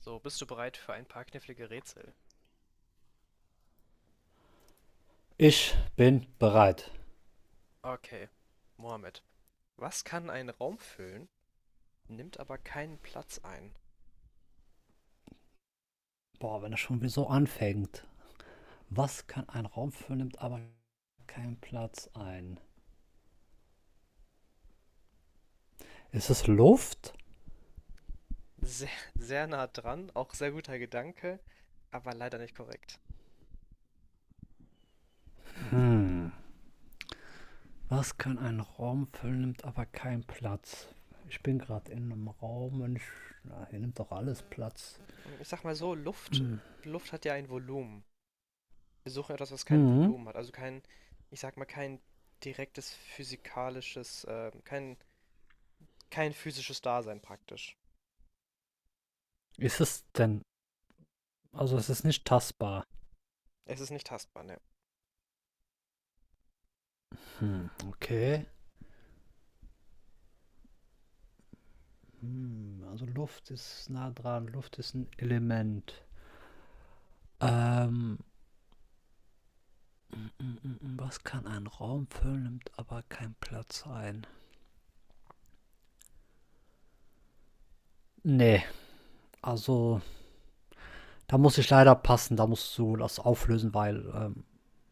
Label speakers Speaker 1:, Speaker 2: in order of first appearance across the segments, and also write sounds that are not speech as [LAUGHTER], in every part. Speaker 1: So, bist du bereit für ein paar knifflige Rätsel?
Speaker 2: Ich bin bereit.
Speaker 1: Okay. Mohammed, was kann einen Raum füllen, nimmt aber keinen Platz ein?
Speaker 2: Boah, wenn das schon wieder so anfängt. Was kann ein Raum füllen, nimmt aber keinen Platz ein? Ist es Luft?
Speaker 1: Sehr, sehr nah dran, auch sehr guter Gedanke, aber leider nicht korrekt.
Speaker 2: Hm. Was kann ein Raum füllen, nimmt aber keinen Platz? Ich bin gerade in einem Raum und ich, na, hier nimmt doch alles Platz.
Speaker 1: Hm, ich sag mal so, Luft,
Speaker 2: Hm.
Speaker 1: Luft hat ja ein Volumen. Wir suchen etwas, was kein
Speaker 2: Hm.
Speaker 1: Volumen hat, also kein, ich sag mal, kein direktes physikalisches, kein physisches Dasein praktisch.
Speaker 2: Ist es denn? Also es ist nicht tastbar.
Speaker 1: Es ist nicht tastbar, ne?
Speaker 2: Hm. Okay. Hm. Also Luft ist nah dran. Luft ist ein Element. Ähm, Was kann ein Raum füllen, nimmt aber keinen Platz ein? Nee, also da muss ich leider passen, da musst du das auflösen, weil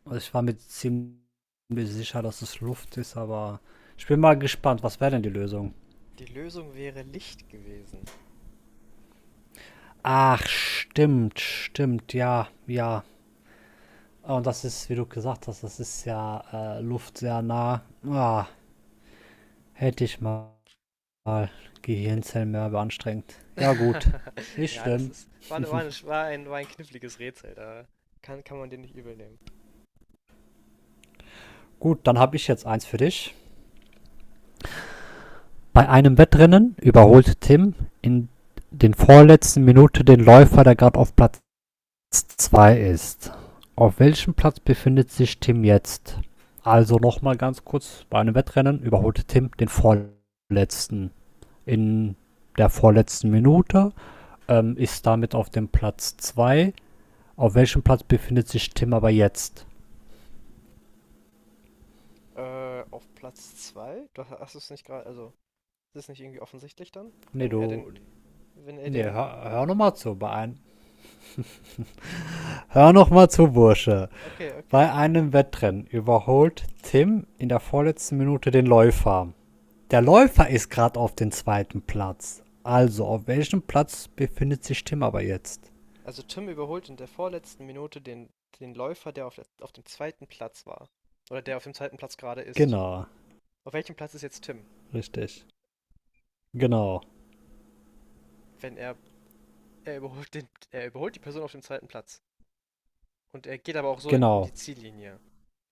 Speaker 2: also ich war mir ziemlich sicher, dass es Luft ist, aber ich bin mal gespannt, was wäre denn die Lösung?
Speaker 1: Die Lösung wäre Licht gewesen.
Speaker 2: Ach, stimmt, stimmt, ja, ja. Ah, und das ist, wie du gesagt hast, das ist ja Luft sehr nah. Ah, hätte ich mal Gehirnzellen mehr beanstrengt. Ja, gut.
Speaker 1: [LAUGHS]
Speaker 2: Nicht
Speaker 1: Ja, das
Speaker 2: schlimm.
Speaker 1: ist, war, war ein kniffliges Rätsel, da kann man den nicht übel nehmen.
Speaker 2: Gut, dann habe ich jetzt eins für dich. Bei einem Wettrennen überholte Tim in den vorletzten Minuten den Läufer, der gerade auf Platz zwei ist. Auf welchem Platz befindet sich Tim jetzt? Also nochmal ganz kurz, bei einem Wettrennen überholte Tim den vorletzten in der vorletzten Minute, ist damit auf dem Platz 2. Auf welchem Platz befindet sich Tim aber jetzt?
Speaker 1: Auf Platz zwei. Hast es nicht gerade, also, ist es nicht irgendwie offensichtlich dann?
Speaker 2: Nee,
Speaker 1: Wenn er den,
Speaker 2: du,
Speaker 1: wenn er
Speaker 2: nee,
Speaker 1: den,
Speaker 2: hör nochmal zu, hör nochmal zu, Bursche.
Speaker 1: okay, okay.
Speaker 2: Bei einem Wettrennen überholt Tim in der vorletzten Minute den Läufer. Der Läufer ist gerade auf dem zweiten Platz. Also, auf welchem Platz befindet sich Tim aber jetzt?
Speaker 1: Also Tim überholt in der vorletzten Minute den Läufer, auf dem zweiten Platz war. Oder der auf dem zweiten Platz gerade ist.
Speaker 2: Genau,
Speaker 1: Auf welchem Platz ist jetzt Tim?
Speaker 2: richtig. Genau,
Speaker 1: Wenn er, er überholt den, er überholt die Person auf dem zweiten Platz. Und er geht aber auch so in
Speaker 2: genau.
Speaker 1: die Ziellinie.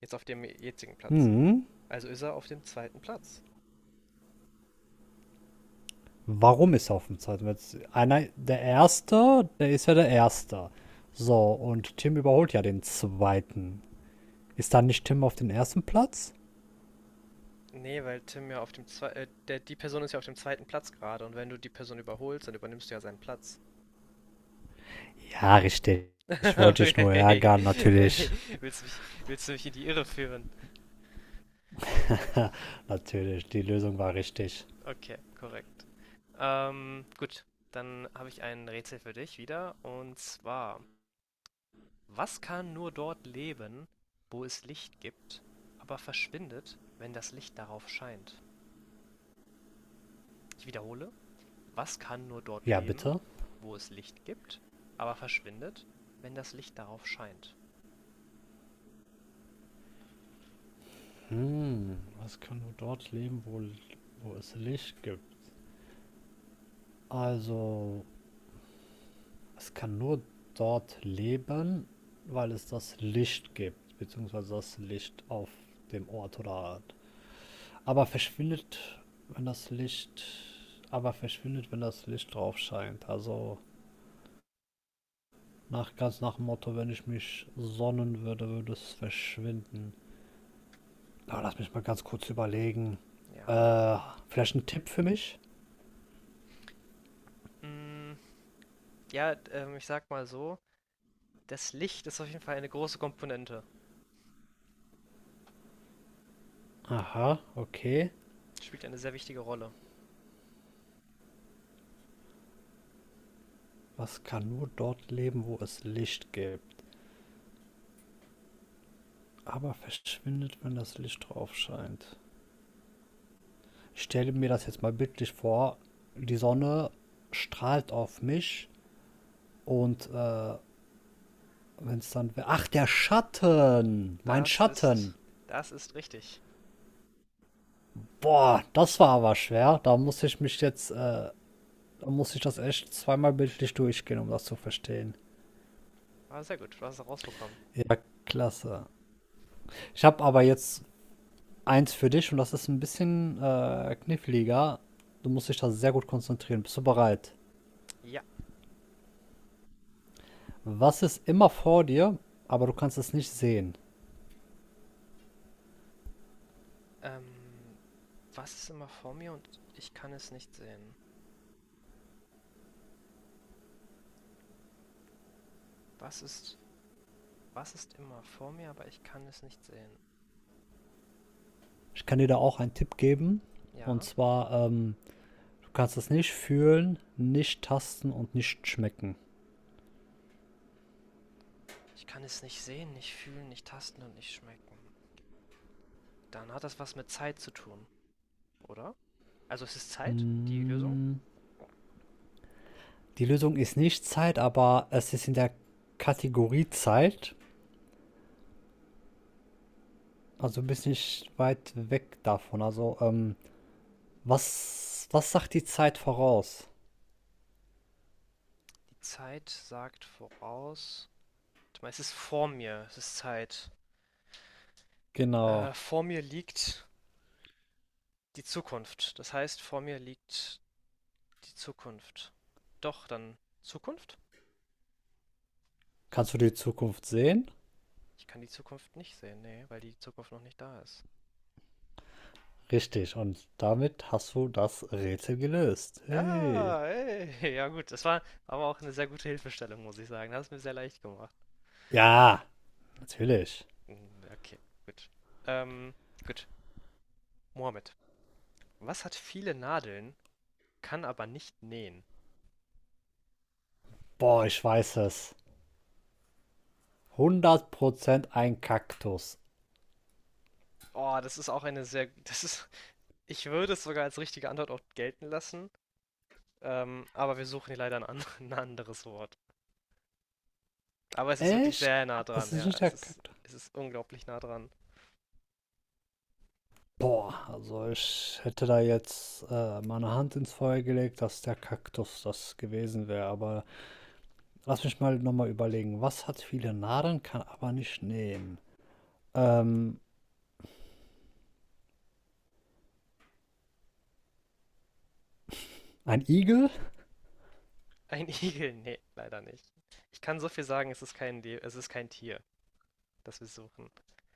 Speaker 1: Jetzt auf dem jetzigen Platz.
Speaker 2: Hm,
Speaker 1: Also ist er auf dem zweiten Platz.
Speaker 2: warum ist er auf dem zweiten Platz? Einer, der Erste, der ist ja der Erste. So, und Tim überholt ja den Zweiten. Ist dann nicht Tim auf dem ersten Platz?
Speaker 1: Nee, weil Tim ja auf dem zwei, der, die Person ist ja auf dem zweiten Platz gerade, und wenn du die Person überholst, dann übernimmst du ja seinen Platz.
Speaker 2: Ja, richtig.
Speaker 1: [LAUGHS]
Speaker 2: Ich wollte dich nur
Speaker 1: Okay.
Speaker 2: ärgern,
Speaker 1: Ey,
Speaker 2: natürlich.
Speaker 1: willst du mich in die Irre führen?
Speaker 2: [LAUGHS] Natürlich, die Lösung war richtig.
Speaker 1: Okay, korrekt. Gut, dann habe ich ein Rätsel für dich wieder, und zwar, was kann nur dort leben, wo es Licht gibt, aber verschwindet, wenn das Licht darauf scheint? Ich wiederhole, was kann nur dort
Speaker 2: Ja,
Speaker 1: leben,
Speaker 2: bitte?
Speaker 1: wo es Licht gibt, aber verschwindet, wenn das Licht darauf scheint?
Speaker 2: Hm, was kann nur dort leben, wo es Licht gibt? Also, es kann nur dort leben, weil es das Licht gibt, beziehungsweise das Licht auf dem Ort oder Art. Aber verschwindet, wenn das Licht, aber verschwindet, wenn das Licht drauf scheint. Also, ganz nach dem Motto, wenn ich mich sonnen würde, würde es verschwinden. Na, lass mich mal ganz kurz überlegen.
Speaker 1: Ja.
Speaker 2: Äh, vielleicht ein Tipp für mich?
Speaker 1: Mm, ja, ich sag mal so, das Licht ist auf jeden Fall eine große Komponente.
Speaker 2: Aha, okay.
Speaker 1: Spielt eine sehr wichtige Rolle.
Speaker 2: Was kann nur dort leben, wo es Licht gibt, aber verschwindet, wenn das Licht drauf scheint? Ich stelle mir das jetzt mal bildlich vor. Die Sonne strahlt auf mich und wenn es dann... Ach, der Schatten! Mein
Speaker 1: Das
Speaker 2: Schatten!
Speaker 1: ist, das ist richtig.
Speaker 2: Boah, das war aber schwer. Da muss ich mich jetzt... da muss ich das echt zweimal bildlich durchgehen, um das zu verstehen.
Speaker 1: Aber sehr gut, du hast es rausbekommen.
Speaker 2: Ja, klasse. Ich habe aber jetzt eins für dich und das ist ein bisschen kniffliger. Du musst dich da sehr gut konzentrieren. Bist du bereit?
Speaker 1: Ja.
Speaker 2: Was ist immer vor dir, aber du kannst es nicht sehen?
Speaker 1: Ähm, was ist immer vor mir, und ich kann es nicht sehen? Was ist, was ist immer vor mir, aber ich kann es nicht sehen?
Speaker 2: Ich kann dir da auch einen Tipp geben. Und
Speaker 1: Ja.
Speaker 2: zwar, du kannst es nicht fühlen, nicht tasten und nicht schmecken.
Speaker 1: Ich kann es nicht sehen, nicht fühlen, nicht tasten und nicht schmecken. Dann hat das was mit Zeit zu tun, oder? Also es ist Zeit, die Lösung?
Speaker 2: Hm. Die Lösung ist nicht Zeit, aber es ist in der Kategorie Zeit. Also du bist nicht weit weg davon. Also, was, was sagt die Zeit voraus?
Speaker 1: Die Zeit sagt voraus. Warte. Es ist vor mir, es ist Zeit.
Speaker 2: Genau.
Speaker 1: Vor mir liegt die Zukunft. Das heißt, vor mir liegt die Zukunft. Doch, dann Zukunft?
Speaker 2: Kannst du die Zukunft sehen?
Speaker 1: Ich kann die Zukunft nicht sehen, nee, weil die Zukunft noch nicht da ist.
Speaker 2: Richtig. Und damit hast du das Rätsel gelöst. Hey.
Speaker 1: Ah, ey, ja gut, das war aber auch eine sehr gute Hilfestellung, muss ich sagen. Das hat es mir sehr leicht gemacht.
Speaker 2: Ja, natürlich.
Speaker 1: Mm, okay, gut. Ähm, gut. Mohammed, was hat viele Nadeln, kann aber nicht nähen.
Speaker 2: Boah, ich weiß es. 100% ein Kaktus.
Speaker 1: Oh, das ist auch eine sehr, [LAUGHS] das ist, ich würde es sogar als richtige Antwort auch gelten lassen, aber wir suchen hier leider [LAUGHS] ein anderes Wort. Aber es ist wirklich
Speaker 2: Echt?
Speaker 1: sehr nah dran,
Speaker 2: Das ist
Speaker 1: ja,
Speaker 2: nicht der Kaktus.
Speaker 1: es ist unglaublich nah dran.
Speaker 2: Boah, also ich hätte da jetzt meine Hand ins Feuer gelegt, dass der Kaktus das gewesen wäre. Aber lass mich mal nochmal überlegen. Was hat viele Nadeln, kann aber nicht nehmen? Ähm, ein Igel?
Speaker 1: [LAUGHS] Ein Igel? Nee, leider nicht. Ich kann so viel sagen, es ist kein Tier, das wir suchen.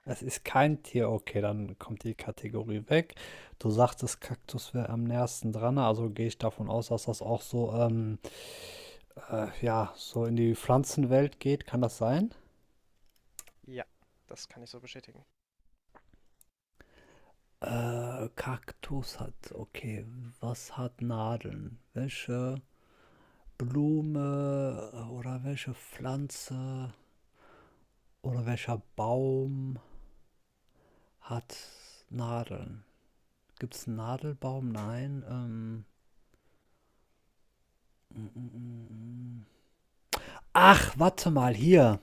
Speaker 2: Es ist kein Tier, okay, dann kommt die Kategorie weg. Du sagtest, Kaktus wäre am nächsten dran, also gehe ich davon aus, dass das auch so, ja, so in die Pflanzenwelt geht. Kann das sein?
Speaker 1: Ja, das kann ich so bestätigen.
Speaker 2: Kaktus hat, okay, was hat Nadeln? Welche Blume oder welche Pflanze oder welcher Baum hat Nadeln? Gibt es einen Nadelbaum? Nein. Mm, mm, mm, mm. Ach, warte mal, hier.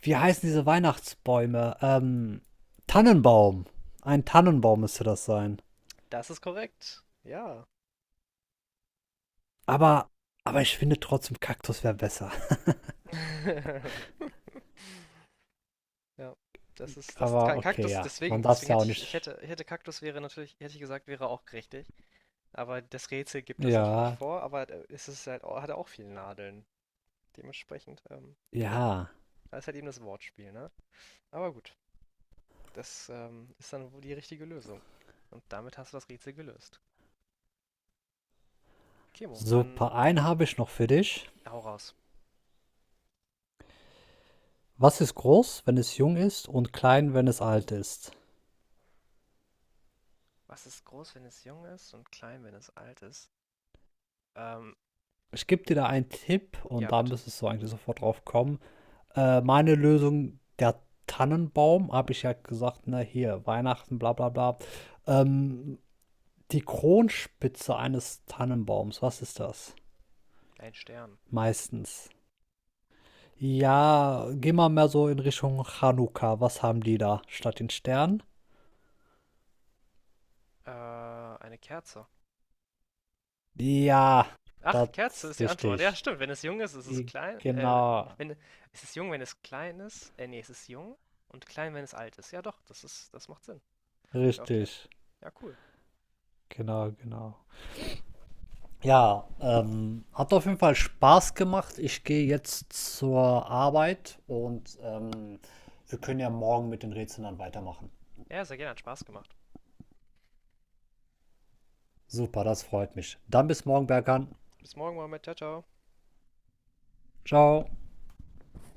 Speaker 2: Wie heißen diese Weihnachtsbäume? Tannenbaum. Ein Tannenbaum müsste das sein.
Speaker 1: Das ist korrekt. Ja.
Speaker 2: Aber, aber ich finde trotzdem, Kaktus wäre besser. [LAUGHS]
Speaker 1: [LAUGHS] Ja, das ist das
Speaker 2: Aber okay,
Speaker 1: Kaktus,
Speaker 2: ja. Man darf
Speaker 1: deswegen
Speaker 2: es ja
Speaker 1: hätte
Speaker 2: auch
Speaker 1: ich,
Speaker 2: nicht.
Speaker 1: ich hätte Kaktus wäre natürlich, hätte ich gesagt, wäre auch richtig. Aber das Rätsel gibt das natürlich
Speaker 2: Ja,
Speaker 1: vor, aber es ist halt, hat auch viele Nadeln. Dementsprechend, ja,
Speaker 2: ja.
Speaker 1: da ist halt eben das Wortspiel, ne? Aber gut, das ist dann wohl die richtige Lösung. Und damit hast du das Rätsel gelöst. Kemo, dann
Speaker 2: Super. Einen habe ich noch für dich.
Speaker 1: hau raus.
Speaker 2: Was ist groß, wenn es jung ist und klein, wenn es alt ist?
Speaker 1: Was ist groß, wenn es jung ist, und klein, wenn es alt ist? Ähm,
Speaker 2: Ich gebe dir da einen Tipp und
Speaker 1: ja,
Speaker 2: da
Speaker 1: bitte.
Speaker 2: müsstest du eigentlich sofort drauf kommen. Meine Lösung, der Tannenbaum, habe ich ja gesagt, ne, hier, Weihnachten, bla bla bla. Ähm, die Kronspitze eines Tannenbaums, was ist das?
Speaker 1: Ein Stern.
Speaker 2: Meistens. Ja, geh mal mehr so in Richtung Chanukka. Was haben die da statt den Stern?
Speaker 1: Eine Kerze.
Speaker 2: Ja,
Speaker 1: Ach,
Speaker 2: das
Speaker 1: Kerze ist die Antwort. Ja,
Speaker 2: richtig.
Speaker 1: stimmt. Wenn es jung ist, ist es
Speaker 2: I-
Speaker 1: klein.
Speaker 2: Genau,
Speaker 1: Wenn, ist es jung, wenn es klein ist? Nee, es ist jung und klein, wenn es alt ist. Ja, doch, das macht Sinn. Ja, okay.
Speaker 2: richtig.
Speaker 1: Ja, cool.
Speaker 2: Genau, genau. Ja, hat auf jeden Fall Spaß gemacht. Ich gehe jetzt zur Arbeit und wir können ja morgen mit den Rätseln dann weitermachen.
Speaker 1: Ja, sehr gerne. Hat Spaß gemacht.
Speaker 2: Super, das freut mich. Dann bis morgen, Berkan.
Speaker 1: Bis morgen, Mohammed. Ciao, ciao.
Speaker 2: Ciao.